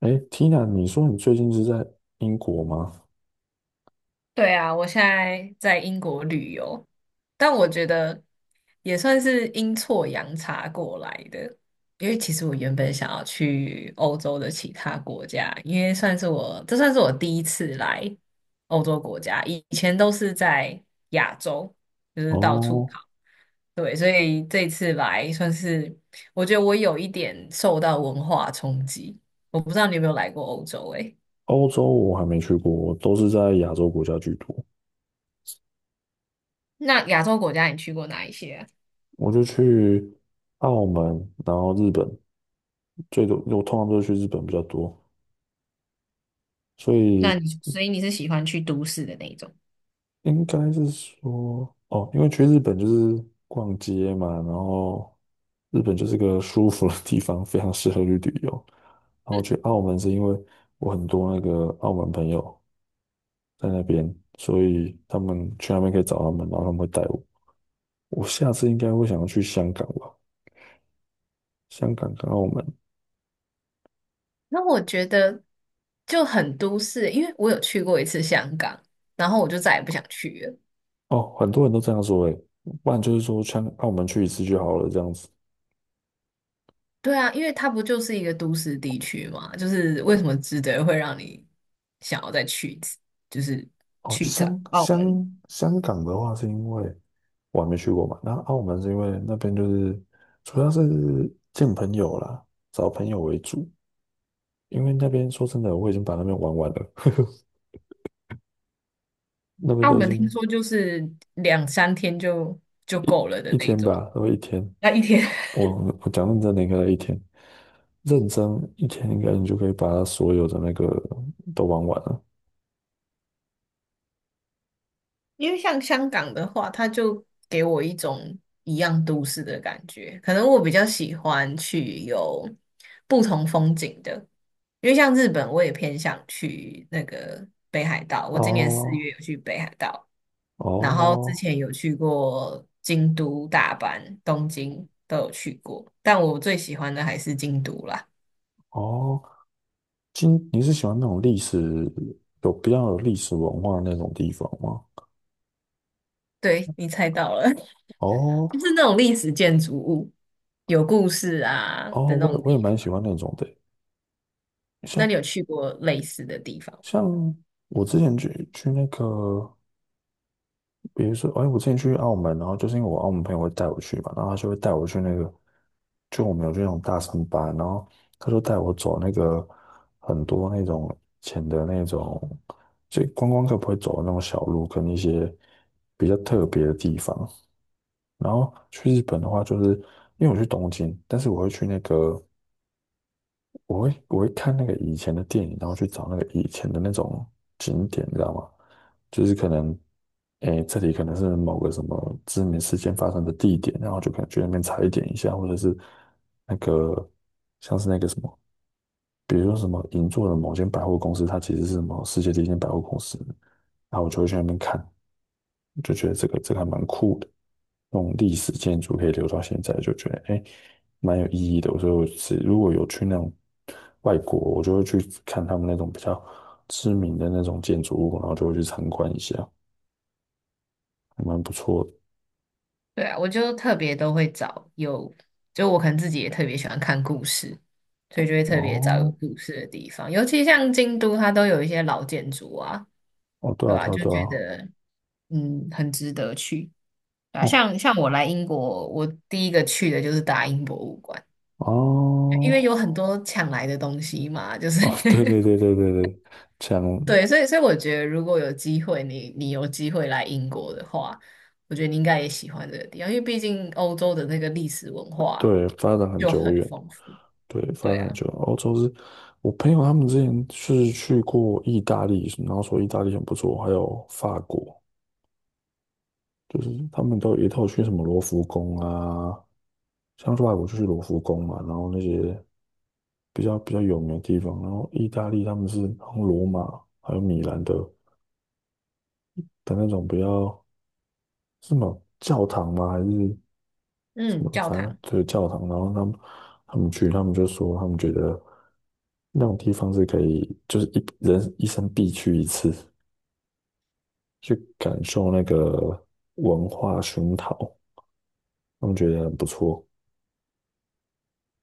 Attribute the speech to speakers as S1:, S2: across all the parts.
S1: 哎，Tina，你说你最近是在英国吗？
S2: 对啊，我现在在英国旅游，但我觉得也算是阴错阳差过来的。因为其实我原本想要去欧洲的其他国家，因为算是我，这算是我第一次来欧洲国家，以前都是在亚洲，就是到处
S1: 哦，
S2: 跑。对，所以这一次来算是，我觉得我有一点受到文化冲击。我不知道你有没有来过欧洲、欸？诶，
S1: 欧洲我还没去过，我都是在亚洲国家居多。
S2: 那亚洲国家你去过哪一些啊？
S1: 我就去澳门，然后日本，最多我通常都是去日本比较多，所
S2: 那
S1: 以
S2: 你所以你是喜欢去都市的那一种？
S1: 应该是说，哦，因为去日本就是逛街嘛，然后日本就是个舒服的地方，非常适合去旅游。然后去澳门是因为我很多那个澳门朋友，在那边，所以他们去那边可以找他们，然后他们会带我。我下次应该会想要去香港吧，香港跟澳门。
S2: 那我觉得就很都市，因为我有去过一次香港，然后我就再也不想去了。
S1: 哦，很多人都这样说诶，不然就是说香澳门去一次就好了这样子。
S2: 对啊，因为它不就是一个都市地区嘛，就是为什么值得会让你想要再去一次，就是
S1: 哦，
S2: 去一次
S1: 香
S2: 澳门。
S1: 香香港的话是因为我还没去过嘛，那澳门是因为那边就是主要是见朋友啦，找朋友为主，因为那边说真的我已经把那边玩完了，那边
S2: 澳
S1: 都已
S2: 门听
S1: 经
S2: 说就是两三天就
S1: 一
S2: 够了的
S1: 一
S2: 那一
S1: 天
S2: 种，
S1: 吧，都一天，
S2: 那一天
S1: 我我讲认真的应该一天。认真一天，应该你就可以把它所有的那个都玩完了。
S2: 因为像香港的话，它就给我一种一样都市的感觉。可能我比较喜欢去有不同风景的，因为像日本，我也偏向去那个北海道。我今年四
S1: 哦
S2: 月有去北海道，然后之
S1: 哦
S2: 前有去过京都、大阪、东京都有去过，但我最喜欢的还是京都啦。
S1: 哦，今你是喜欢那种历史有比较有历史文化的那种地方吗？
S2: 对，你猜到了，
S1: 哦
S2: 就是那种历史建筑物、有故事啊
S1: 哦，
S2: 的那
S1: 我也
S2: 种
S1: 我
S2: 地
S1: 也蛮
S2: 方。
S1: 喜欢那种的欸，
S2: 那你
S1: 像
S2: 有去过类似的地方吗？
S1: 像我之前去那个比如说，哎，我之前去澳门，然后就是因为我澳门朋友会带我去嘛，然后他就会带我去那个，就我们有去那种大三巴，然后他就带我走那个很多那种以的那种，就观光客不会走的那种小路跟一些比较特别的地方。然后去日本的话，就是因为我去东京，但是我会去那个我会看那个以前的电影，然后去找那个以前的那种景点，你知道吗？就是可能，诶，这里可能是某个什么知名事件发生的地点，然后就可能去那边踩点一下，或者是那个像是那个什么，比如说什么银座的某间百货公司，它其实是什么世界第一间百货公司，然后我就会去那边看，就觉得这个还蛮酷的。那种历史建筑可以留到现在，就觉得哎，诶蛮有意义的。所以我是如果有去那种外国，我就会去看他们那种比较知名的那种建筑物，然后就会去参观一下，还蛮不错的。
S2: 对啊，我就特别都会找有，就我可能自己也特别喜欢看故事，所以就会特别找有
S1: 哦，
S2: 故事的地方，尤其像京都，它都有一些老建筑啊，
S1: 哦，对
S2: 对
S1: 啊，对
S2: 吧？
S1: 啊，
S2: 就
S1: 对啊，
S2: 觉得嗯，很值得去啊。
S1: 哦，
S2: 像我来英国，我第一个去的就是大英博物馆。因为
S1: 哦，
S2: 有很多抢来的东西嘛，就 是
S1: 哦，对对对对对对，讲
S2: 对，所以我觉得如果有机会，你有机会来英国的话，我觉得你应该也喜欢这个地方，因为毕竟欧洲的那个历史文化
S1: 对发展很
S2: 就
S1: 久
S2: 很
S1: 远，
S2: 丰富。
S1: 对发
S2: 对
S1: 展很
S2: 啊，
S1: 久远。欧洲是我朋友他们之前是去过意大利，然后说意大利很不错，还有法国。就是他们都有一套去什么罗浮宫啊，像外国就是罗浮宫嘛，然后那些比较有名的地方，然后意大利他们是好像罗马还有米兰的的那种比较是什么教堂吗？还是什
S2: 嗯，
S1: 么？
S2: 教
S1: 反正
S2: 堂。
S1: 就是教堂。然后他们去，他们就说他们觉得那种地方是可以，就是一人一生必去一次，去感受那个文化熏陶，他们觉得很不错。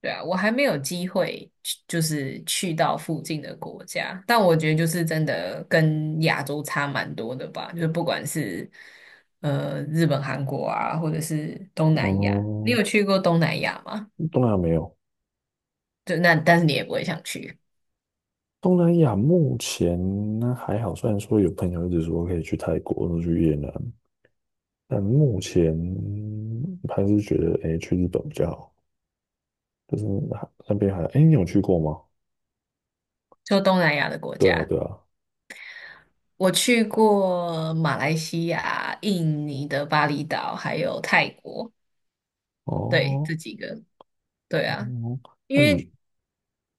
S2: 对啊，我还没有机会去，就是去到附近的国家，但我觉得就是真的跟亚洲差蛮多的吧，就是不管是日本、韩国啊，或者是东南亚，你
S1: 哦、
S2: 有去过东南亚吗？
S1: 东南亚没有。
S2: 对，那但是你也不会想去，
S1: 东南亚目前还好，虽然说有朋友一直说可以去泰国或者去越南，但目前还是觉得哎诶、去日本比较好，就是还那边还哎诶、你有去过吗？
S2: 就东南亚的国
S1: 对啊，
S2: 家。
S1: 对啊，
S2: 我去过马来西亚、印尼的巴厘岛，还有泰国，对，这
S1: 哦，
S2: 几个，对啊，
S1: 嗯，那
S2: 因为
S1: 你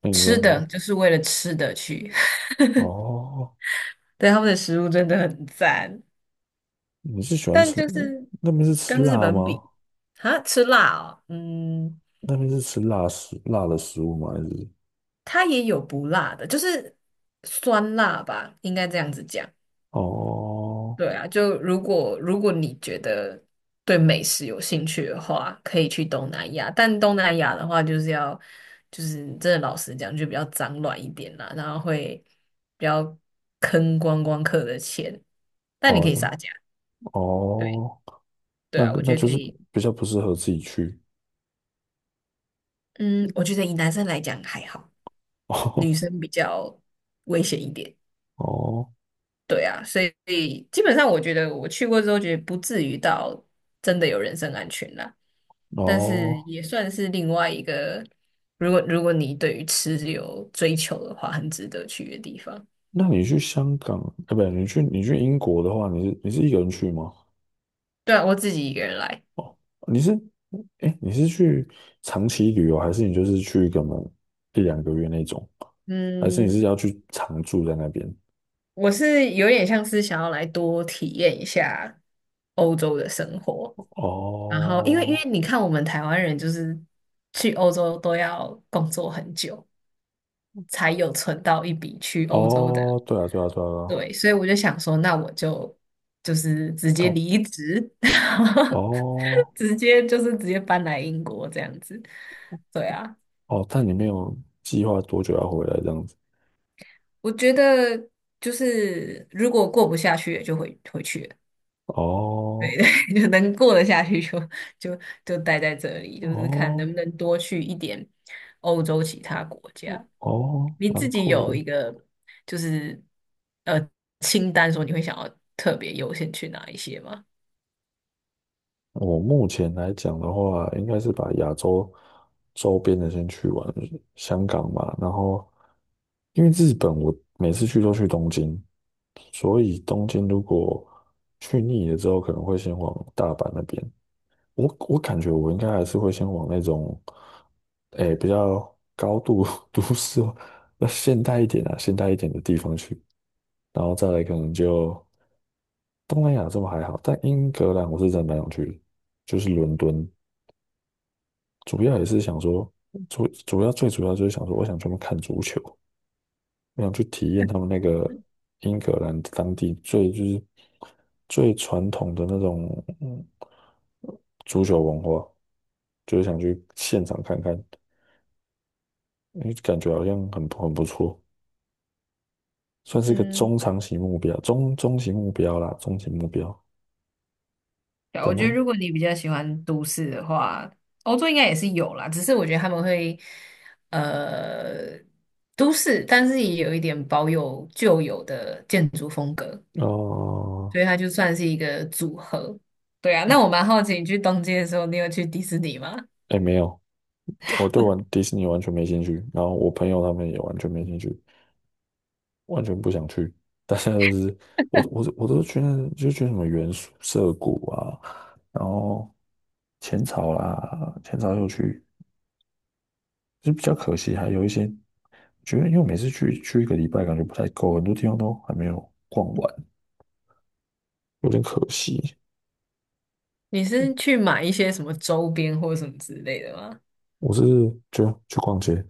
S1: 那你
S2: 吃
S1: 说你
S2: 的就是为了吃的去，
S1: 哦，
S2: 对，他们的食物真的很赞，
S1: 你是喜欢
S2: 但
S1: 吃
S2: 就是
S1: 那边是吃
S2: 跟日
S1: 辣
S2: 本
S1: 吗？
S2: 比，啊，吃辣哦，嗯，
S1: 那边是吃辣食辣的食物吗？还是
S2: 它也有不辣的，就是酸辣吧，应该这样子讲。
S1: 哦
S2: 对啊，就如果你觉得对美食有兴趣的话，可以去东南亚。但东南亚的话，就是要就是真的老实讲，就比较脏乱一点啦，然后会比较坑观光客的钱。但你可
S1: 哦
S2: 以撒价，对。
S1: 哦，
S2: 对
S1: 那
S2: 啊，
S1: 个
S2: 我
S1: 那
S2: 觉得
S1: 就
S2: 可
S1: 是
S2: 以。
S1: 比较不适合自己去
S2: 嗯，我觉得以男生来讲还好，女
S1: 哦
S2: 生比较危险一点。
S1: 哦。
S2: 对啊，所以基本上我觉得我去过之后，觉得不至于到真的有人身安全啦，但是
S1: 哦，
S2: 也算是另外一个，如果你对于吃有追求的话，很值得去的地方。
S1: 那你去香港，哎，不对，你去英国的话，你是一个人去吗？
S2: 对啊，我自己一个人来，
S1: 哦，你是，哎，你是去长期旅游，还是你就是去个门一两个月那种？还是你
S2: 嗯，
S1: 是要去常住在那边？
S2: 我是有点像是想要来多体验一下欧洲的生活，然后因为因
S1: 哦，
S2: 为你看我们台湾人就是去欧洲都要工作很久。才有存到一笔去欧洲的。
S1: 哦，对啊，对啊，对啊，对啊
S2: 对，所以我就想说，那我就直接
S1: 到
S2: 离职，然后
S1: 哦
S2: 直接就是直接搬来英国这样子。对啊，
S1: 哦，但你没有计划多久要回来这样子？
S2: 我觉得就是如果过不下去，也就回去了
S1: 哦
S2: 就能过得下去就就待在这里，就是看
S1: 哦
S2: 能不能多去一点欧洲其他国家。
S1: 哦，
S2: 你
S1: 蛮
S2: 自己
S1: 酷
S2: 有
S1: 的。
S2: 一个就是呃清单，说你会想要特别优先去哪一些吗？
S1: 我目前来讲的话，应该是把亚洲周边的先去完，香港嘛，然后因为日本我每次去都去东京，所以东京如果去腻了之后，可能会先往大阪那边。我感觉我应该还是会先往那种，诶、比较高度 都市化，那现代一点啊，现代一点的地方去，然后再来可能就东南亚这么还好，但英格兰我是真的蛮想去的就是伦敦，主要也是想说，主主要最主要就是想说，我想专门看足球，我想去体验他们那个英格兰当地最就是最传统的那种嗯足球文化，就是想去现场看看，因为感觉好像很不错，算是一个
S2: 嗯。
S1: 中长期目标，中期目标啦，中期目标。
S2: 对啊我
S1: 本
S2: 觉得
S1: 来
S2: 如果你比较喜欢都市的话，欧洲应该也是有啦，只是我觉得他们会呃都市，但是也有一点保有旧有的建筑风格，
S1: 哦，
S2: 所以它就算是一个组合。对啊，那我蛮好奇，你去东京的时候，你有去迪士尼吗？
S1: 哎、没有，我对玩迪士尼完全没兴趣，然后我朋友他们也完全没兴趣，完全不想去。大家都是，我都觉得就觉得什么元素涩谷啊，然后浅草啦，浅草又去，就比较可惜，还有一些，觉得因为我每次去一个礼拜，感觉不太够，很多地方都还没有逛完，有点可惜。
S2: 你是去买一些什么周边或什么之类的吗？
S1: 我是就去逛街，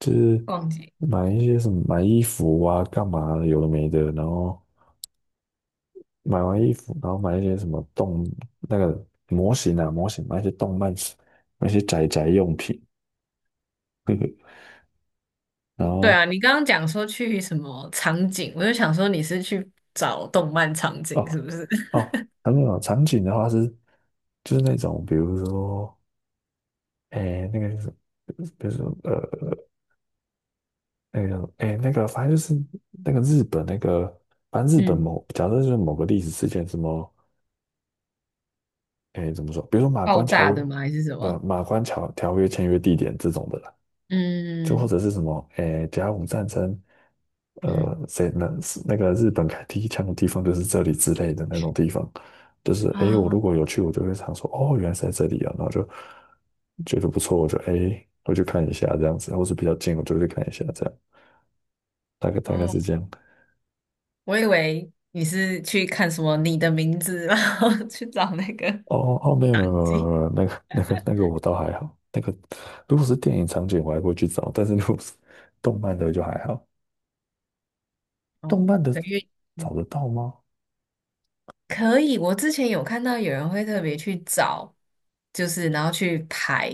S1: 就是
S2: 逛街？
S1: 买一些什么买衣服啊，干嘛的有的没的，然后买完衣服，然后买一些什么动那个模型啊，模型买一些动漫，买一些宅宅用品，呵呵然
S2: 对
S1: 后
S2: 啊，你刚刚讲说去什么场景，我就想说你是去找动漫场景
S1: 哦
S2: 是不是？
S1: 哦，还没有场景的话是就是那种，比如说诶那个就是什么比如说那个诶那个反正就是那个日本那个，反正日本
S2: 嗯，
S1: 某假设就是某个历史事件什么诶怎么说，比如说马
S2: 爆
S1: 关条
S2: 炸的
S1: 约，
S2: 吗？还是什
S1: 不
S2: 么？
S1: 马关条约签约地点这种的啦。就或
S2: 嗯。
S1: 者是什么，诶，甲午战争，
S2: 嗯。
S1: 谁能那个日本开第一枪的地方就是这里之类的那种地方，就是诶，我如
S2: 啊。
S1: 果有去，我就会常说，哦，原来是在这里啊，然后就觉得不错，我就诶，我去看一下这样子，或是比较近，我就去看一下这样，大概
S2: 哦，
S1: 是这样。
S2: 我以为你是去看什么《你的名字》，然后去找那个
S1: 哦哦，哦没有没
S2: 场
S1: 有没有
S2: 景。
S1: 没有，没有那个我倒还好，那个如果是电影场景我还会去找，但是如果是动漫的就还好，
S2: 哦，
S1: 动漫的
S2: 的因为
S1: 找
S2: 嗯
S1: 得到吗？
S2: 可以，我之前有看到有人会特别去找，就是然后去排。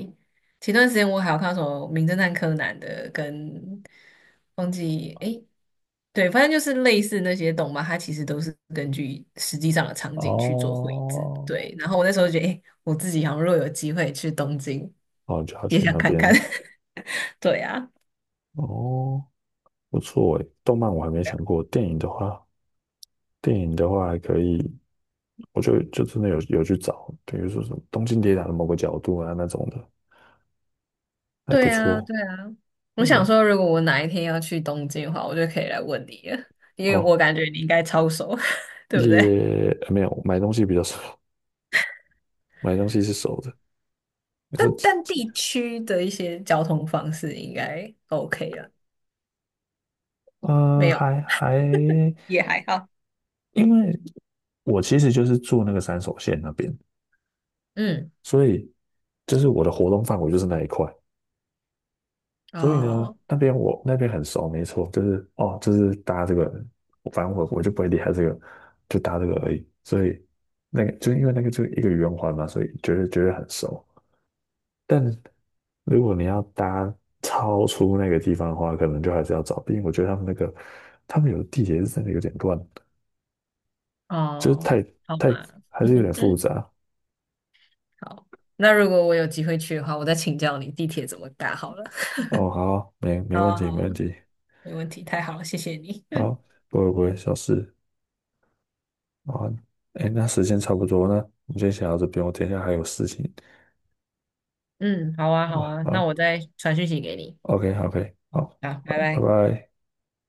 S2: 前段时间我还有看到什么《名侦探柯南》的，跟忘记诶，对，反正就是类似那些动漫，它其实都是根据实际上的场景去做绘制。
S1: 哦
S2: 对，然后我那时候就觉得，诶，我自己好像若有机会去东京，
S1: 哦，就要
S2: 也
S1: 去
S2: 想
S1: 那
S2: 看看。
S1: 边
S2: 对啊，
S1: 哦。不错诶，动漫我还没想过，电影的话，电影的话还可以，我就真的有去找，比如说什么《东京铁塔》的某个角度啊那种的，还不
S2: 对啊，
S1: 错，
S2: 对啊。我
S1: 我觉
S2: 想
S1: 得
S2: 说，如果我哪一天要去东京的话，我就可以来问你了，因为我
S1: 哦，
S2: 感觉你应该超熟，对不对？
S1: 也没有买东西比较少，买东西是熟的，你
S2: 但
S1: 是，
S2: 但地区的一些交通方式应该 OK 了，没
S1: 嗯，
S2: 有，
S1: 还还，
S2: 也还好。
S1: 因为我其实就是住那个山手线那边，
S2: 嗯，
S1: 所以就是我的活动范围就是那一块，所以呢，
S2: 哦
S1: 那边我那边很熟，没错，就是哦，就是搭这个，反正我就不会厉害这个，就搭这个而已。所以那个就因为那个就一个圆环嘛，所以觉得很熟。但如果你要搭超出那个地方的话，可能就还是要找，毕竟我觉得他们那个他们有的地铁是真的有点乱，就是太
S2: 哦，好
S1: 太
S2: 吧，
S1: 还是有点 复杂。
S2: 好，那如果我有机会去的话，我再请教你地铁怎么搭好了。
S1: 哦，好，没没
S2: 好
S1: 问
S2: 啊，
S1: 题，
S2: 好
S1: 没
S2: 啊，
S1: 问题，
S2: 没问题，太好了，谢谢你。
S1: 好，不会，小事。啊，哎，那时间差不多呢，那我们先想到这边，我等一下还有事情
S2: 嗯，好啊，好
S1: 啊。
S2: 啊，那
S1: 好
S2: 我再传讯息给你。
S1: ，OK，好，OK，好，
S2: 好，
S1: 拜
S2: 拜
S1: 拜
S2: 拜。
S1: 拜。